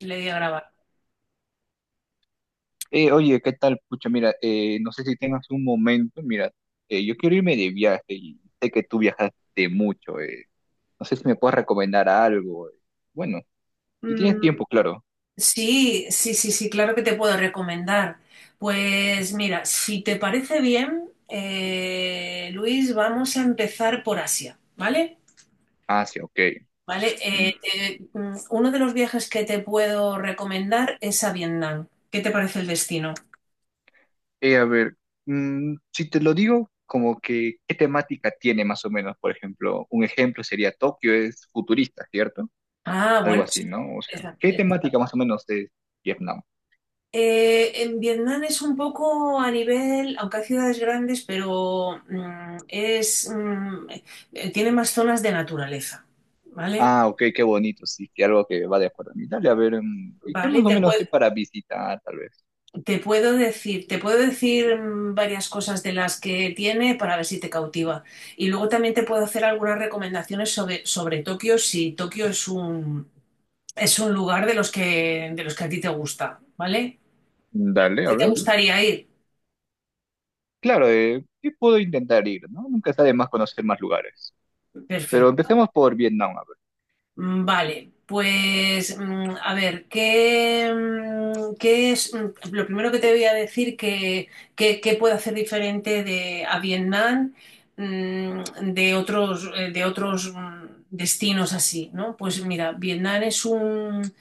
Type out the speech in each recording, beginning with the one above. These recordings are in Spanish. Le di a grabar. Oye, ¿qué tal? Pucha, mira, no sé si tengas un momento, mira, yo quiero irme de viaje y sé que tú viajaste mucho, no sé si me puedes recomendar algo. Bueno, si Mm, tienes tiempo, claro. sí, sí, sí, sí, claro que te puedo recomendar. Pues mira, si te parece bien, Luis, vamos a empezar por Asia, ¿vale? Ah, sí, ok. ¿Vale? Mm, Uno de los viajes que te puedo recomendar es a Vietnam. ¿Qué te parece el destino? eh, a ver, si te lo digo, como que, ¿qué temática tiene más o menos? Por ejemplo, un ejemplo sería Tokio es futurista, ¿cierto? Ah, bueno, Algo así, sí. ¿no? O sea, ¿qué temática más o menos es Vietnam? En Vietnam es un poco a nivel, aunque hay ciudades grandes, pero tiene más zonas de naturaleza, ¿vale? Ah, ok, qué bonito, sí, que algo que va de acuerdo a mí. Dale, a ver, ¿y qué Vale, más o menos hay para visitar, tal vez? Te puedo decir mm, varias cosas de las que tiene para ver si te cautiva. Y luego también te puedo hacer algunas recomendaciones sobre Tokio, si Tokio es un lugar de los que a ti te gusta, ¿vale? Dale, a Si te ver. gustaría Claro, ¿qué puedo intentar ir, no? Nunca está de más conocer más lugares. Pero ir. empecemos por Vietnam, a ver. Mm, vale, pues a ver, ¿qué es lo primero que te voy a decir que, que puede hacer diferente a Vietnam, mm, de otros destinos así, ¿no? Pues mira, Vietnam es un,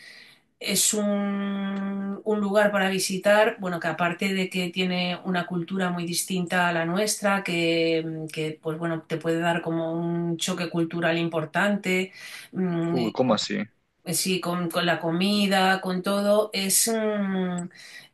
es un, un lugar para visitar, bueno, que aparte de que tiene una cultura muy distinta a la nuestra, que pues bueno, te puede dar como un choque cultural importante. mm, Uy, ¿cómo así? pues sí, con la comida, con todo, es mm,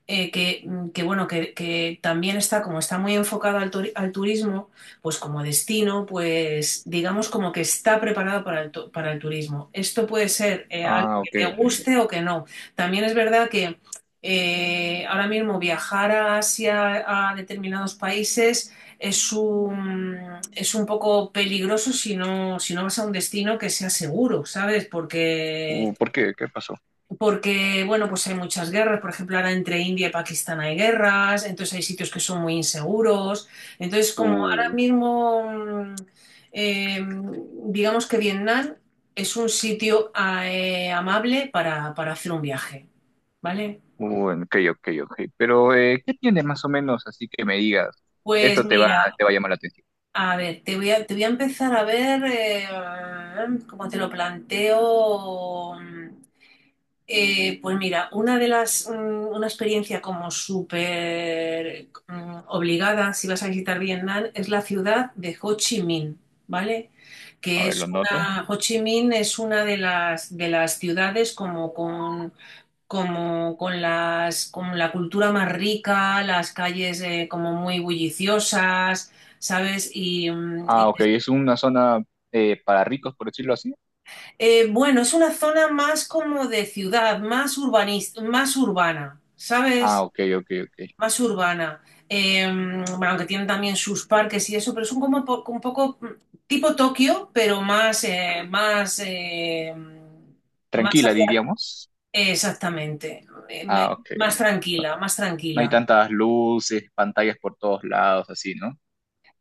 eh, que, mm, que, bueno, que también está, como está muy enfocado al turismo, pues como destino, pues digamos como que está preparado para el turismo. Esto puede ser algo Ah, que ok, te ok. guste o que no. También es verdad que ahora mismo viajar a Asia, a determinados países, es un, es un poco peligroso si no vas a un destino que sea seguro, ¿sabes? Porque, ¿Por qué? ¿Qué pasó? porque, bueno, pues hay muchas guerras, por ejemplo, ahora entre India y Pakistán hay guerras, entonces hay sitios que son muy inseguros, entonces como ahora Uy, mismo, mm, eh, digamos que Vietnam es un sitio amable para, hacer un viaje, ¿vale? Ok, ok, ok. Pero, ¿qué tiene más o menos así que me digas? Pues Esto te va, mira, te va a llamar la atención. a ver, te voy a empezar a ver cómo te lo planteo. Pues mira, una experiencia como súper obligada, si vas a visitar Vietnam, es la ciudad de Ho Chi Minh, ¿vale? A ver, lo noto. Ho Chi Minh es una de las ciudades como con con la cultura más rica, las calles como muy bulliciosas, ¿sabes? Ah, ok, es una zona para ricos, por decirlo así. Bueno, es una zona más como de ciudad, más urbanista, más urbana, Ah, ¿sabes? ok, ok, ok. Más urbana. Bueno, aunque tienen también sus parques y eso, pero son como un poco tipo Tokio, pero más Tranquila, hacia- diríamos. Exactamente. Ah, ok, ok. Más No, tranquila, más no hay tranquila. tantas luces, pantallas por todos lados, así, ¿no?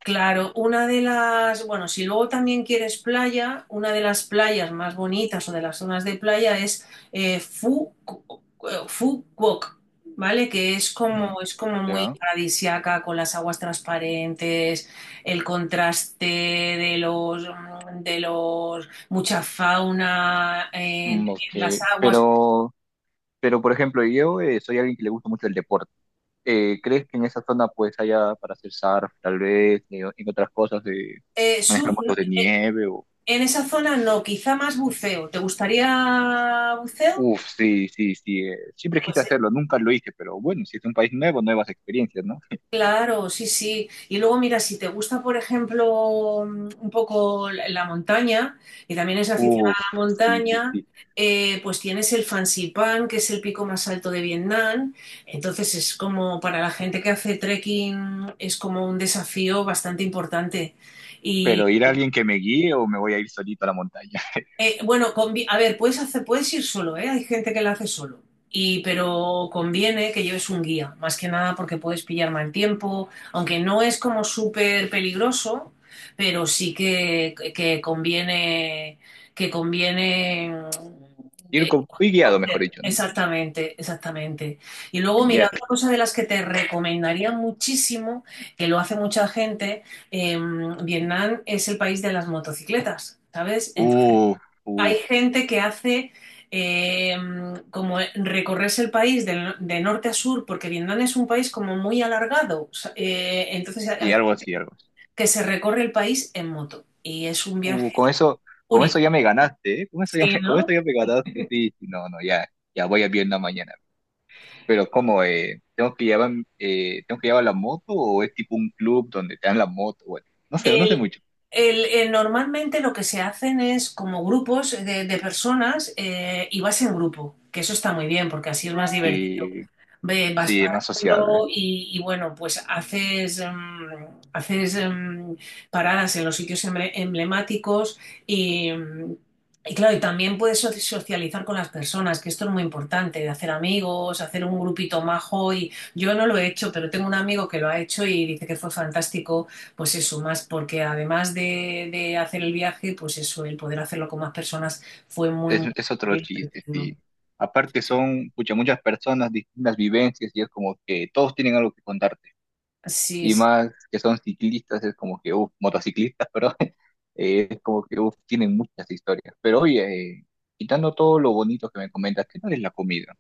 Claro, bueno, si luego también quieres playa, una de las playas más bonitas o de las zonas de playa es Fu Quoc, ¿vale? Que Mm, es como muy ya. paradisiaca con las aguas transparentes, el contraste mucha fauna en, Mm, ok. en las aguas. Pero, pero por ejemplo, yo soy alguien que le gusta mucho el deporte. ¿Crees que en esa zona pues haya para hacer surf, tal vez, y en otras cosas de manejar Surf, no, motos de nieve o... en esa zona no, quizá más buceo. ¿Te gustaría buceo? Uf, sí, sí, sí. Siempre quise Pues hacerlo, nunca lo hice, pero bueno, si es un país nuevo, nuevas experiencias, ¿no? claro, sí, sí. Y luego, mira, si te gusta, por ejemplo, un poco la montaña, y también es aficionada Uf, a la sí, sí, montaña, sí. Pues tienes el Fansipan, que es el pico más alto de Vietnam. Entonces es como para la gente que hace trekking, es como un desafío bastante importante. Pero ir a alguien que me guíe o me voy a ir solito a la montaña. Bueno, a ver, puedes ir solo, ¿eh? Hay gente que la hace solo. Y, pero conviene que lleves un guía, más que nada porque puedes pillar mal tiempo, aunque no es como súper peligroso, pero sí que conviene Ir, ir guiado, mejor coger. dicho, ¿no? Exactamente, exactamente. Y luego, mira, Ya. otra cosa de las que te recomendaría muchísimo, que lo hace mucha gente, Vietnam es el país de las motocicletas, ¿sabes? Entonces, Uh, uh, hay gente que hace eh, como recorrerse el país de norte a sur, porque Vietnam es un país como muy alargado. O sea, entonces hay sí, algo gente así, algo así. que se recorre el país en moto y es un Uh, viaje con eso, con eso único. ya me ganaste, ¿eh? Con eso ya Sí, me, con esto ¿no? ya me ganaste, sí, sí, no, no, ya, ya voy a Vietnam mañana. Pero ¿cómo, tengo que llevar la moto o es tipo un club donde te dan la moto? Bueno, no sé, no sé El- mucho. Normalmente lo que se hacen es como grupos de personas y vas en grupo, que eso está muy bien porque así es más divertido. Sí, Vas sí, es más sociable. parando bueno, pues haces, haces em, paradas en los sitios emblemáticos y, em, y claro, y también puedes socializar con las personas, que esto es muy importante, de hacer amigos, hacer un grupito majo y yo no lo he hecho, pero tengo un amigo que lo ha hecho y dice que fue fantástico, pues eso, más porque además de hacer el viaje, pues eso, el poder hacerlo con más personas fue muy, muy Es otro chiste, divertido. sí. Aparte son, pucha, muchas personas, distintas vivencias y es como que todos tienen algo que contar. Sí, Y sí. más que son ciclistas, es como que, uff, motociclistas, pero es como que, uff, tienen muchas historias. Pero oye, quitando todo lo bonito que me comentas, ¿qué tal es la comida?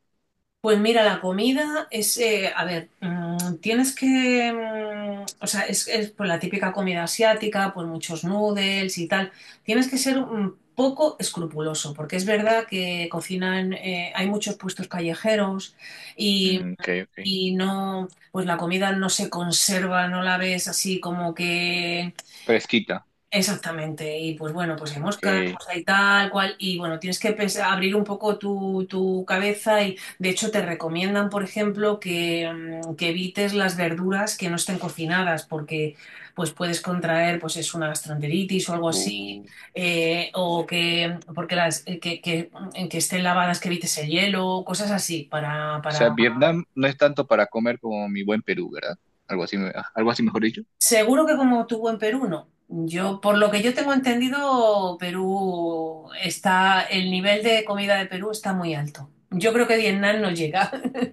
Pues mira, la comida es, a ver, tienes que, o sea, pues, la típica comida asiática, pues muchos noodles y tal. Tienes que ser un poco escrupuloso, porque es verdad que cocinan, hay muchos puestos callejeros y, Mm, ok, ok. y no, pues la comida no se conserva, no la ves así como que. Fresquita, Exactamente, y pues bueno, pues hay moscas, ok. pues hay tal cual, y bueno, tienes que abrir un poco tu cabeza y de hecho te recomiendan, por ejemplo, que evites las verduras que no estén cocinadas porque pues puedes contraer pues es una gastroenteritis o algo así, Uh, o que porque las que estén lavadas, que evites el hielo, cosas así para, o para. sea, Vietnam no es tanto para comer como mi buen Perú, ¿verdad? Algo así, algo así mejor dicho. Seguro que como tuvo en Perú, no. Yo, por lo que yo tengo entendido, Perú está, el nivel de comida de Perú está muy alto. Yo creo que Vietnam no llega.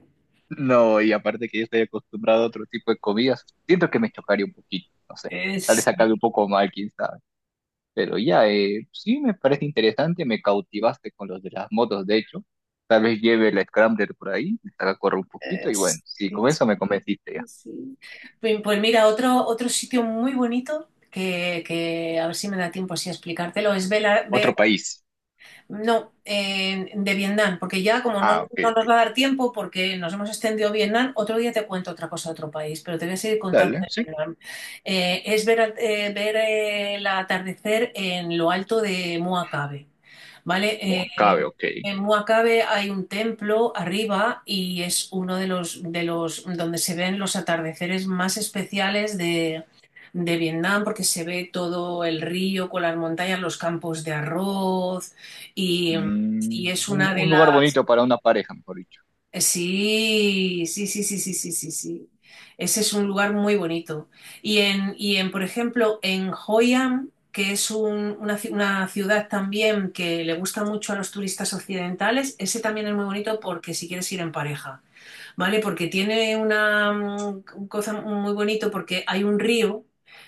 No, y aparte que yo estoy acostumbrado a otro tipo de comidas, siento que me chocaría un poquito, no sé. Tal vez acabe un Sí, poco mal, quizás. Pero ya, sí me parece interesante, me cautivaste con los de las motos, de hecho. Tal vez lleve el Scrambler por ahí, le saca correr un poquito y bueno, sí, sí, con eso me sí, convenciste ya. sí. Pues mira, otro sitio muy bonito que, a ver si me da tiempo así a explicártelo es Otro Belice. país. No, de Vietnam, porque ya como Ah, ok, no nos ok. va a dar tiempo, porque nos hemos extendido Vietnam, otro día te cuento otra cosa de otro país, pero te voy a seguir contando Dale, de sí. Vietnam. Ver el atardecer en lo alto de Mua Cabe, ¿vale? Bueno, cabe, ok. En Mua Cabe hay un templo arriba y es uno de los donde se ven los atardeceres más especiales de Vietnam, porque se ve todo el río con las montañas, los campos de arroz y, Mm, y es una de un lugar las... bonito para una pareja, mejor dicho. Sí, sí, sí, sí, sí, sí, sí, sí. Ese es un lugar muy bonito. Y en, por ejemplo, en Hoi An, que es una ciudad también que le gusta mucho a los turistas occidentales, ese también es muy bonito porque si quieres ir en pareja, ¿vale? Porque tiene una cosa muy bonito porque hay un río,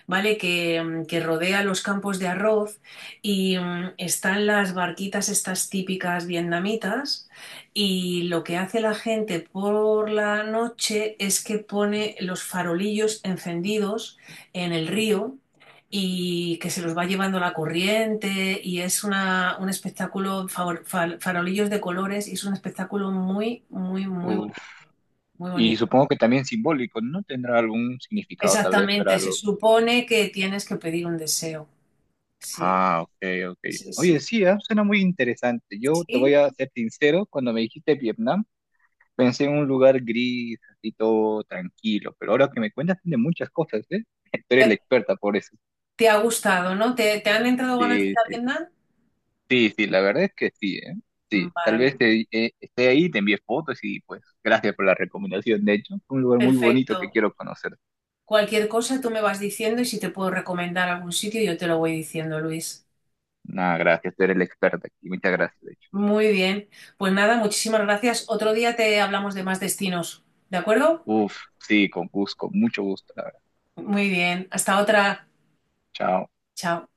¿vale? Que rodea los campos de arroz y están las barquitas estas típicas vietnamitas y lo que hace la gente por la noche es que pone los farolillos encendidos en el río y que se los va llevando la corriente y es un espectáculo, farolillos de colores y es un espectáculo muy, muy, muy Uf. bonito. Muy Y bonito. supongo que también simbólico, ¿no? Tendrá algún significado tal vez para Exactamente, se los... supone que tienes que pedir un deseo. Sí, Ah, ok, ok. sí, sí, Oye, sí, ah, suena muy interesante. Yo te sí. voy a ser sincero, cuando me dijiste Vietnam, pensé en un lugar gris, así todo tranquilo, pero ahora que me cuentas tiene muchas cosas, ¿eh? Tú eres la experta por eso. ¿Te ha gustado, no? ¿Te han entrado ganas de Sí, ir a sí, Vietnam? sí, sí, la verdad es que sí, ¿eh? Sí, tal Vale, vez esté ahí, te envié fotos y pues gracias por la recomendación, de hecho. Un lugar muy bonito que perfecto. quiero conocer. Cualquier cosa tú me vas diciendo y si te puedo recomendar algún sitio yo te lo voy diciendo, Luis. Nada, gracias, tú eres la experta aquí, muchas gracias, de hecho. Muy bien. Pues nada, muchísimas gracias. Otro día te hablamos de más destinos, ¿de acuerdo? Uf, sí, con gusto, con mucho gusto, la verdad. Muy bien. Hasta otra. Chao. Chao.